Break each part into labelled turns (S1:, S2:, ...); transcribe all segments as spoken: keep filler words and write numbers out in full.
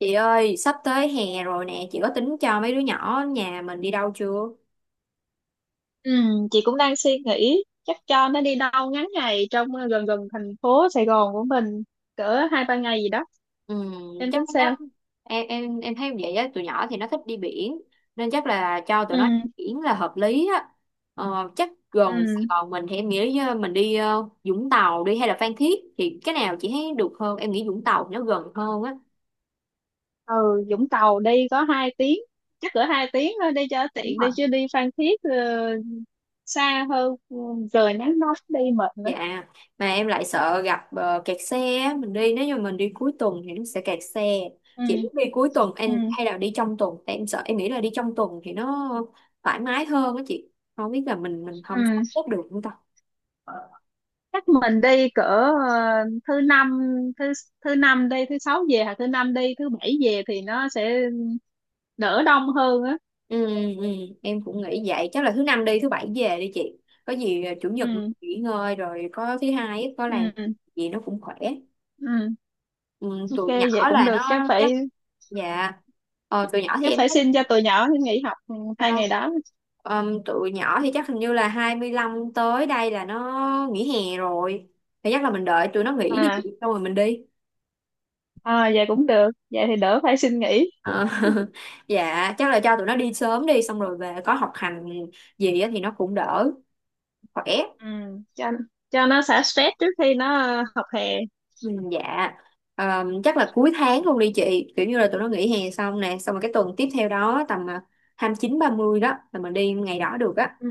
S1: Chị ơi, sắp tới hè rồi nè, chị có tính cho mấy đứa nhỏ nhà mình đi đâu chưa?
S2: Ừ, chị cũng đang suy nghĩ chắc cho nó đi đâu ngắn ngày trong ờ, gần gần thành phố Sài Gòn của mình cỡ hai ba ngày gì đó.
S1: Ừ,
S2: Em
S1: chắc
S2: tính
S1: lắm.
S2: sao?
S1: Em em em thấy vậy á, tụi nhỏ thì nó thích đi biển nên chắc là cho tụi
S2: Ừ,
S1: nó biển là hợp lý á. Ờ, chắc gần Sài
S2: ừ,
S1: Gòn mình thì em nghĩ ờ, mình đi ờ, Vũng Tàu đi hay là Phan Thiết thì cái nào chị thấy được hơn? Em nghĩ Vũng Tàu nó gần hơn á.
S2: ừ. Vũng Tàu đi có hai tiếng, chắc cỡ hai tiếng thôi đi cho
S1: Đúng
S2: tiện,
S1: rồi.
S2: đi chứ đi Phan Thiết ờ, xa hơn, ừ, trời nắng nóng đi mệt nữa.
S1: Dạ, mà em lại sợ gặp ờ, kẹt xe á. Mình đi Nếu như mình đi cuối tuần thì nó sẽ kẹt xe.
S2: Ừ,
S1: Chị muốn đi cuối tuần em
S2: ừ,
S1: hay là đi trong tuần? Tại em sợ, em nghĩ là đi trong tuần thì nó thoải mái hơn á chị. Không biết là mình mình không sắp
S2: ừ.
S1: xếp được không ta.
S2: Chắc mình đi cỡ ờ, thứ năm thứ thứ năm đi thứ sáu về, hoặc thứ năm đi thứ bảy về thì nó sẽ đỡ đông hơn á.
S1: Ừ, ừ, em cũng nghĩ vậy. Chắc là thứ năm đi, thứ bảy về đi chị. Có gì ờ, chủ nhật
S2: Ừ,
S1: nghỉ ngơi rồi có thứ hai á, có làm
S2: ừ,
S1: gì nó cũng khỏe.
S2: ừ.
S1: Ừ,
S2: Ok,
S1: tụi nhỏ
S2: vậy cũng
S1: là
S2: được, chắc
S1: nó chắc
S2: phải
S1: dạ. Ờ, tụi nhỏ thì
S2: chắc
S1: em
S2: phải
S1: thấy
S2: xin cho tụi nhỏ nó nghỉ học ừ, hai
S1: sao?
S2: ngày đó.
S1: Ờm, tụi nhỏ thì chắc hình như là hai mươi lăm tới đây là nó nghỉ hè rồi, thì chắc là mình đợi tụi nó nghỉ đi chị
S2: À,
S1: xong rồi mình đi.
S2: à, vậy cũng được, vậy thì đỡ phải xin nghỉ.
S1: Ờ, dạ chắc là cho tụi nó đi sớm đi xong rồi về có học hành gì á thì nó cũng đỡ khỏe.
S2: Ừ. cho cho nó xả stress trước khi nó ờ, học hè.
S1: Ừ, dạ. Ờm, chắc là cuối tháng luôn đi chị, kiểu như là tụi nó nghỉ hè xong nè, xong rồi cái tuần tiếp theo đó tầm à, hai mươi chín ba mươi đó là mình đi ngày đó được á.
S2: Ừ.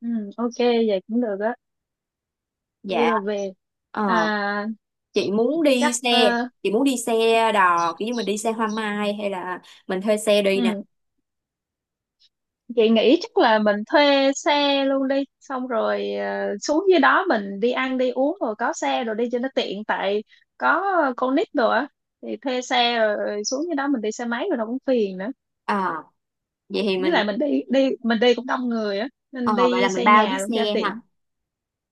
S2: Ừ. Ok, vậy cũng được á, đi
S1: Dạ.
S2: rồi về.
S1: Ờ,
S2: À,
S1: chị muốn đi
S2: chắc
S1: xe
S2: ờ,
S1: chị muốn đi xe đò kiểu như mình đi xe hoa mai hay là mình thuê xe đi nè.
S2: ừ. Chị nghĩ chắc là mình thuê xe luôn đi, xong rồi ờ, xuống dưới đó mình đi ăn đi uống rồi có xe rồi đi cho nó tiện, tại có con nít rồi á, thì thuê xe, rồi xuống dưới đó mình đi xe máy rồi nó cũng phiền nữa.
S1: À, vậy thì
S2: Với
S1: mình
S2: lại mình đi, đi mình đi cũng đông người á, nên
S1: ờ, vậy là
S2: đi
S1: mình
S2: xe
S1: bao chiếc
S2: nhà luôn cho
S1: xe
S2: tiện.
S1: ha.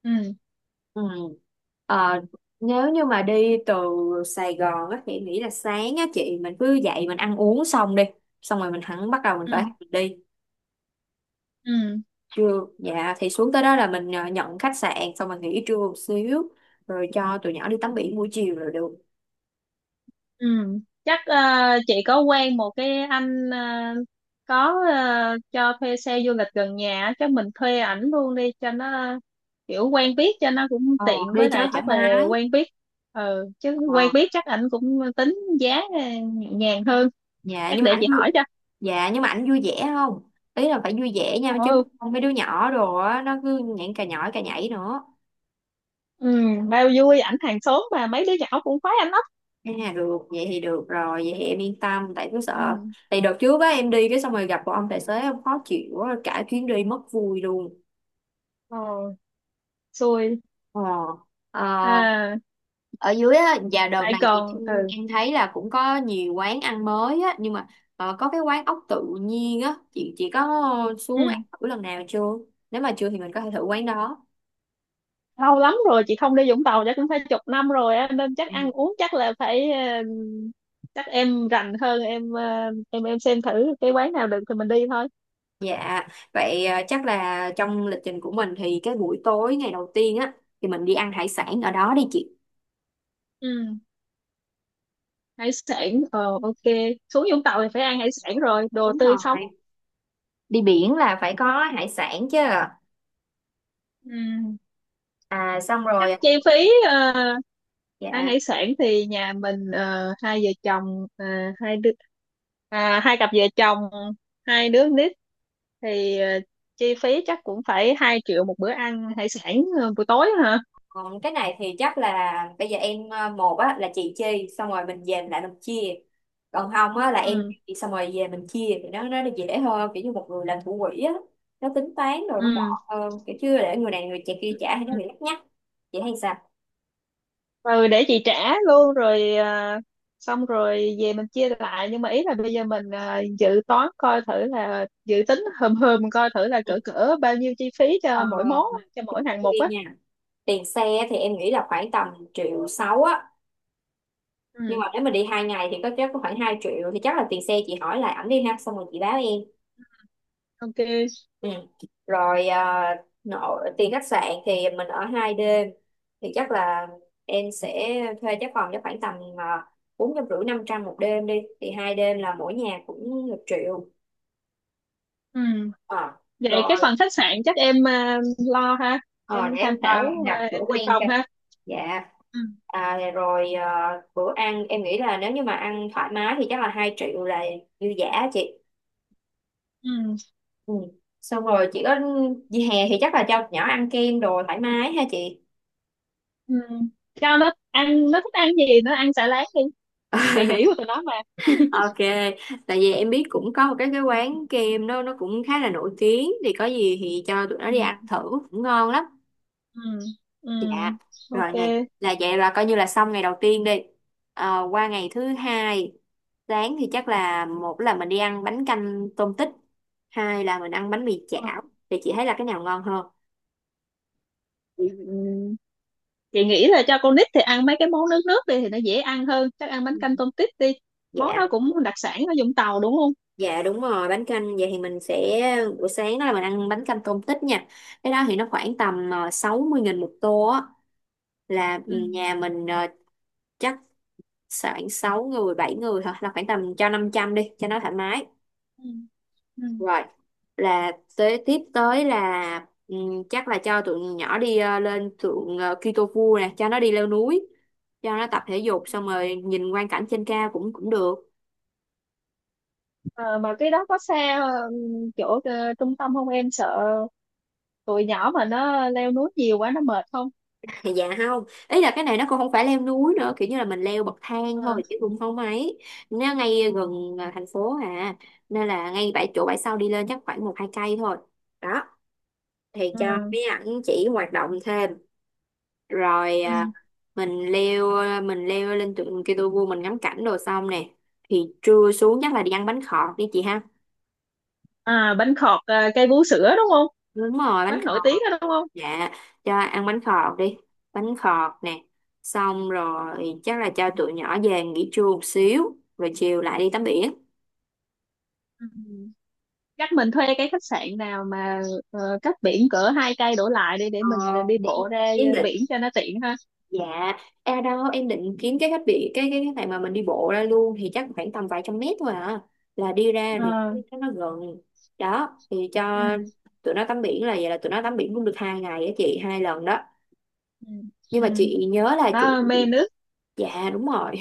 S2: Ừ,
S1: Ừ. Ờ, nếu như mà đi từ Sài Gòn á thì em nghĩ là sáng á chị mình cứ dậy mình ăn uống xong đi, xong rồi mình hẳn bắt đầu mình
S2: ừ,
S1: khởi hành mình đi
S2: ừ.
S1: trưa, dạ thì xuống tới đó là mình ờ, nhận khách sạn xong rồi nghỉ trưa một xíu, rồi cho tụi nhỏ đi tắm biển buổi chiều rồi được.
S2: Ừ, chắc ờ, chị có quen một cái anh, ờ, có ờ, cho thuê xe du lịch gần nhà á, chắc mình thuê ảnh luôn đi cho nó kiểu quen biết, cho nó cũng
S1: ờ,
S2: tiện,
S1: Đi
S2: với
S1: cho
S2: lại
S1: nó thoải
S2: chắc là
S1: mái.
S2: quen biết. Ừ, chứ quen
S1: Ờ.
S2: biết chắc ảnh cũng tính giá ờ, nhẹ nhàng hơn.
S1: dạ
S2: Chắc
S1: nhưng mà
S2: để
S1: ảnh
S2: chị
S1: vui
S2: hỏi cho.
S1: dạ nhưng mà ảnh vui vẻ không, ý là phải vui vẻ nha, chứ
S2: Ừ,
S1: không mấy đứa nhỏ đồ á nó cứ nhảy cà nhỏi cà nhảy nữa.
S2: ừ. Bao vui, ảnh hàng xóm mà, mấy đứa nhỏ cũng khoái ảnh lắm.
S1: À được, vậy thì được rồi, vậy thì em yên tâm, tại cứ sợ.
S2: Ừ.
S1: Tại đợt trước á em đi cái xong rồi gặp một ông tài xế em khó chịu quá, cả chuyến đi mất vui luôn.
S2: Ờ. Xui.
S1: Ờ. Ờ,
S2: À.
S1: ở dưới á. Và đợt
S2: Lại
S1: này thì
S2: còn
S1: em
S2: ừ,
S1: em thấy là cũng có nhiều quán ăn mới á, nhưng mà ờ, có cái quán ốc tự nhiên á, chị chị có xuống
S2: ừ.
S1: ăn thử lần nào chưa? Nếu mà chưa thì mình có thể thử quán đó.
S2: Lâu lắm rồi chị không đi Vũng Tàu, chắc cũng phải chục năm rồi á, nên chắc ăn uống chắc là phải ờ, chắc em rành hơn, em ờ, em em xem thử cái quán nào được thì mình đi thôi.
S1: Dạ, vậy à, chắc là trong lịch trình của mình thì cái buổi tối ngày đầu tiên á thì mình đi ăn hải sản ở đó đi chị.
S2: Ừ. Hải sản ờ ok, xuống Vũng Tàu thì phải ăn hải sản rồi, đồ
S1: Đúng
S2: tươi sống.
S1: rồi. Đi biển là phải có hải sản chứ.
S2: Ừ,
S1: À xong
S2: chắc
S1: rồi.
S2: chi phí ờ, ăn
S1: Dạ.
S2: hải sản thì nhà mình ờ, hai vợ chồng, ờ, hai đứa, à, hai cặp vợ chồng, hai đứa nít thì ờ, chi phí chắc cũng phải hai triệu một bữa ăn hải sản ờ, buổi tối hả?
S1: Còn cái này thì chắc là bây giờ em à, một á là chị chi xong rồi mình về mình lại mình chia. Còn không á là em
S2: Ừ,
S1: chi, xong rồi về mình chia thì nó nó dễ hơn, kiểu như một người làm thủ quỹ á, nó tính toán rồi nó
S2: ừ,
S1: gọn hơn, kiểu chưa để người này người kia kia trả hay nó
S2: ừ.
S1: bị lắt nhắt. Chị thấy sao?
S2: Ừ, để chị trả luôn, rồi ờ, xong rồi về mình chia lại. Nhưng mà ý là bây giờ mình ờ, dự toán coi thử, là dự tính hờm hờm coi thử là
S1: Ừ.
S2: cỡ cỡ bao nhiêu chi phí
S1: Ờ,
S2: cho mỗi món á, cho mỗi
S1: trước
S2: hạng mục
S1: tiên
S2: á.
S1: nha, tiền xe thì em nghĩ là khoảng tầm triệu sáu á, nhưng
S2: Ừ.
S1: mà nếu mà đi hai ngày thì có chắc có khoảng hai triệu, thì chắc là tiền xe chị hỏi lại ảnh đi ha, xong rồi chị báo em.
S2: Ok.
S1: Ừ. Rồi à, nọ, tiền khách sạn thì mình ở hai đêm thì chắc là em sẽ thuê cái phòng cho khoảng tầm ờ, bốn trăm rưỡi năm trăm một đêm đi, thì hai đêm là mỗi nhà cũng một triệu.
S2: Ừ.
S1: Ờ,
S2: Vậy cái
S1: rồi.
S2: phần khách sạn chắc em à, lo ha? Em
S1: Ờ, để
S2: tham
S1: em coi em
S2: khảo, à,
S1: đặt
S2: em
S1: chỗ
S2: tìm
S1: quen.
S2: phòng ha.
S1: Dạ.
S2: Ừ.
S1: À, rồi à, bữa ăn em nghĩ là nếu như mà ăn thoải mái thì chắc là hai triệu là dư dả chị.
S2: Ừ.
S1: Ừ. Xong rồi chị có dịp hè thì chắc là cho nhỏ ăn kem đồ thoải mái ha chị.
S2: Ừ. Cho nó ăn, nó thích ăn gì nó ăn xả láng đi, kỳ nghỉ của tụi nó mà.
S1: Ok, tại vì em biết cũng có một cái cái quán kem đó nó cũng khá là nổi tiếng, thì có gì thì cho tụi nó
S2: Ừ.
S1: đi ăn thử cũng ngon lắm.
S2: Ừ. Ừ.
S1: Dạ, rồi
S2: Ok.
S1: nè, là vậy là coi như là xong ngày đầu tiên đi. Ờ, qua ngày thứ hai, sáng thì chắc là một là mình đi ăn bánh canh tôm tích, hai là mình ăn bánh mì
S2: Ờ.
S1: chảo. Thì chị thấy là cái nào ngon hơn?
S2: Ừ. Chị nghĩ là cho con nít thì ăn mấy cái món nước nước đi, thì nó dễ ăn hơn, chắc ăn bánh canh tôm tít đi. Món
S1: Dạ,
S2: đó cũng đặc sản ở Vũng Tàu đúng không?
S1: dạ đúng rồi, bánh canh vậy thì mình sẽ buổi sáng đó là mình ăn bánh canh tôm tích nha. Cái đó thì nó khoảng tầm ờ, sáu mươi nghìn một tô á, là ừ,
S2: Ừ.
S1: nhà mình ờ, chắc khoảng sáu người bảy người thôi, là khoảng tầm cho năm trăm đi cho nó thoải mái.
S2: Ừ. Ừ.
S1: Rồi, là tới tiếp tới là ừm, chắc là cho tụi nhỏ đi ờ, lên thượng ờ, Kitofu nè, cho nó đi leo núi, cho nó tập thể dục xong rồi nhìn quang cảnh trên cao cũng cũng được.
S2: Ờ, mà cái đó có xa ừ, chỗ ờ, trung tâm không? Em sợ tụi nhỏ mà nó leo núi nhiều quá nó mệt không?
S1: Thì dạ không, ý là cái này nó cũng không phải leo núi nữa, kiểu như là mình leo bậc thang
S2: À,
S1: thôi chứ cũng không ấy. Nó ngay gần ờ, thành phố à, nên là ngay bãi chỗ bãi sau đi lên chắc khoảng một hai cây thôi. Đó, thì cho
S2: à,
S1: mấy ảnh chỉ hoạt động thêm. Rồi à,
S2: ừ.
S1: mình leo mình leo lên tượng Kitô vua mình ngắm cảnh đồ xong nè, thì trưa xuống chắc là đi ăn bánh khọt đi chị ha.
S2: À bánh khọt, à, cây vú sữa đúng không?
S1: Đúng rồi bánh
S2: Quán nổi
S1: khọt.
S2: tiếng đó đúng không?
S1: Dạ cho ăn bánh khọt đi, bánh khọt nè, xong rồi chắc là cho tụi nhỏ về nghỉ trưa một xíu rồi chiều lại đi tắm biển.
S2: Ừ. Chắc mình thuê cái khách sạn nào mà ờ, cách biển cỡ hai cây đổ lại đi, để
S1: Ờ,
S2: mình đi
S1: em
S2: bộ ra
S1: em định.
S2: biển cho nó tiện ha.
S1: Dạ, à đâu em định kiếm cái khách bị cái cái cái này mà mình đi bộ ra luôn thì chắc khoảng tầm vài trăm mét thôi à. Là đi ra thì
S2: Ờ,
S1: cái- nó gần. Đó, thì
S2: ừ.
S1: cho tụi nó tắm biển, là vậy là tụi nó tắm biển cũng được hai ngày á chị, hai lần đó.
S2: Ừ.
S1: Nhưng
S2: Ừ.
S1: mà chị nhớ là chị
S2: Nó mê nước,
S1: dạ đúng rồi.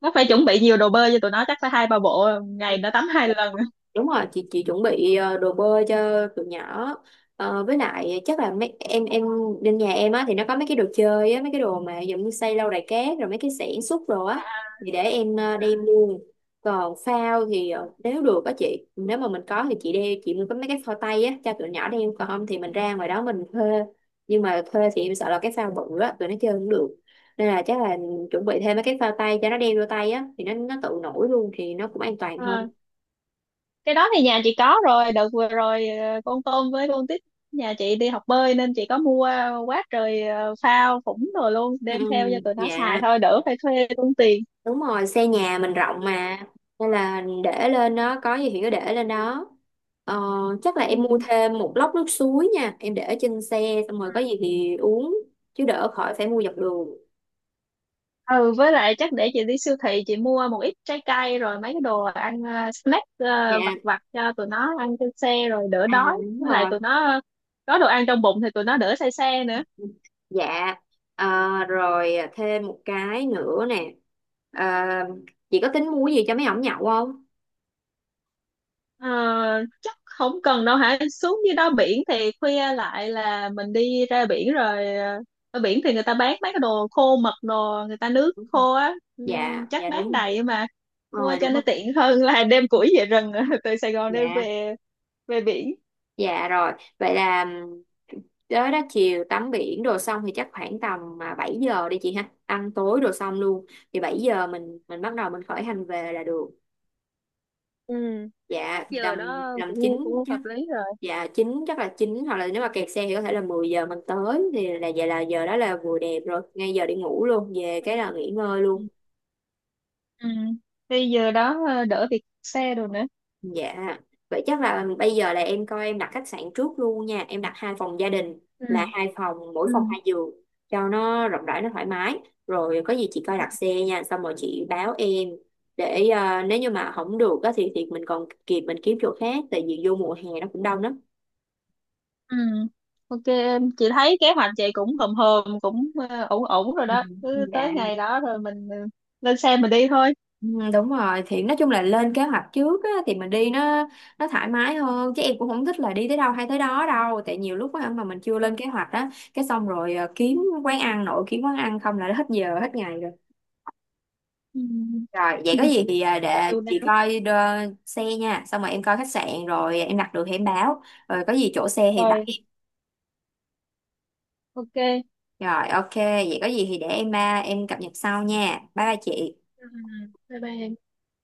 S2: nó phải chuẩn bị nhiều đồ bơi cho tụi nó, chắc phải hai ba bộ, ngày nó tắm hai lần.
S1: Đúng rồi, chị chị chuẩn bị ờ, đồ bơi cho tụi nhỏ. Ờ, với lại chắc là mấy em em bên nhà em á thì nó có mấy cái đồ chơi á, mấy cái đồ mà giống như xây lâu đài cát rồi mấy cái xẻng xúc đồ á thì để em ờ, đem luôn. Còn phao thì ờ, nếu được á chị, nếu mà mình có thì chị đem chị mua có mấy cái phao tay á cho tụi nhỏ đem, còn không thì mình ra ngoài đó mình thuê. Nhưng mà thuê thì em sợ là cái phao bự á tụi nó chơi không được. Nên là chắc là chuẩn bị thêm mấy cái phao tay cho nó đem vô tay á, thì nó nó tự nổi luôn thì nó cũng an toàn hơn.
S2: Ờ, cái đó thì nhà chị có rồi, đợt vừa rồi ờ, con tôm với con tít nhà chị đi học bơi, nên chị có mua quá trời ờ, phao phủng rồi, luôn
S1: Ừ,
S2: đem theo cho tụi nó xài
S1: dạ
S2: thôi, đỡ phải thuê tốn tiền.
S1: đúng rồi, xe nhà mình rộng mà, nên là để lên đó có gì thì cứ để lên đó. ờ, Chắc là
S2: Ừ.
S1: em mua thêm một lốc nước suối nha, em để ở trên xe xong rồi có gì thì uống chứ đỡ khỏi phải mua dọc đường.
S2: Ừ, với lại chắc để chị đi siêu thị chị mua một ít trái cây, rồi mấy cái đồ ăn ờ, snack
S1: Dạ,
S2: ờ, vặt vặt cho tụi nó ăn trên xe rồi đỡ
S1: à
S2: đói.
S1: đúng
S2: Với lại
S1: rồi,
S2: tụi nó có đồ ăn trong bụng thì tụi nó đỡ say xe nữa.
S1: dạ. Ờ, rồi thêm một cái nữa nè. Ờ, chị có tính mua gì cho mấy ổng nhậu không?
S2: Ờ, chắc không cần đâu hả, xuống dưới đó biển thì khuya lại là mình đi ra biển rồi, ờ, ở biển thì người ta bán mấy cái đồ khô mật đồ, người ta nước khô á,
S1: Dạ,
S2: Ừm, chắc
S1: dạ
S2: bán
S1: đúng
S2: đầy mà,
S1: rồi,
S2: mua
S1: rồi
S2: cho
S1: đúng
S2: nó
S1: rồi,
S2: tiện hơn là đem củi về rừng từ Sài Gòn đem
S1: dạ.
S2: về về biển.
S1: Dạ rồi, vậy là ừm, tới đó chiều tắm biển đồ xong thì chắc khoảng tầm à, bảy giờ đi chị ha, ăn tối đồ xong luôn. Thì bảy giờ mình mình bắt đầu mình khởi hành về là được.
S2: Ừ, chắc
S1: Dạ thì
S2: giờ
S1: tầm
S2: đó
S1: tầm chín
S2: cũng cũng
S1: chắc
S2: hợp lý rồi.
S1: dạ chín chắc là chín, hoặc là nếu mà kẹt xe thì có thể là mười giờ mình tới, thì là vậy là giờ đó là vừa đẹp rồi, ngay giờ đi ngủ luôn, về cái là nghỉ ngơi
S2: Ừ.
S1: luôn.
S2: Ừ. Thì giờ đó ờ, đỡ việc xe đồ nữa.
S1: Dạ, vậy chắc là bây giờ là em coi em đặt khách sạn trước luôn nha. Em đặt hai phòng gia đình,
S2: Ừ.
S1: là hai phòng, mỗi
S2: Ừ.
S1: phòng hai giường cho nó rộng rãi, nó thoải mái. Rồi có gì chị coi đặt xe nha, xong rồi chị báo em để ờ, nếu như mà không được á, thì thì mình còn kịp mình kiếm chỗ khác, tại vì vô mùa hè nó cũng đông lắm.
S2: Ừ. Ok em, chị thấy kế hoạch chị cũng hòm hòm cũng ờ, ổn ổn rồi
S1: Ừ.
S2: đó. Cứ
S1: Dạ.
S2: tới ngày đó rồi mình ờ, lên xe mình đi thôi.
S1: Ừ, đúng rồi thì nói chung là lên kế hoạch trước á, thì mình đi nó nó thoải mái hơn, chứ em cũng không thích là đi tới đâu hay tới đó đâu, tại nhiều lúc á, mà mình chưa lên kế hoạch á cái xong rồi à, kiếm quán ăn nội kiếm quán ăn không là hết giờ hết ngày rồi.
S2: Ừ.
S1: Rồi vậy có gì thì à,
S2: Và
S1: để
S2: điều
S1: chị
S2: nào.
S1: coi đơ- xe nha, xong rồi em coi khách sạn rồi em đặt được thì em báo, rồi có gì chỗ xe thì báo
S2: Rồi,
S1: em,
S2: ok.
S1: rồi ok. Vậy có gì thì để em à, em cập nhật sau nha, bye bye chị.
S2: Ừ, bye bye em.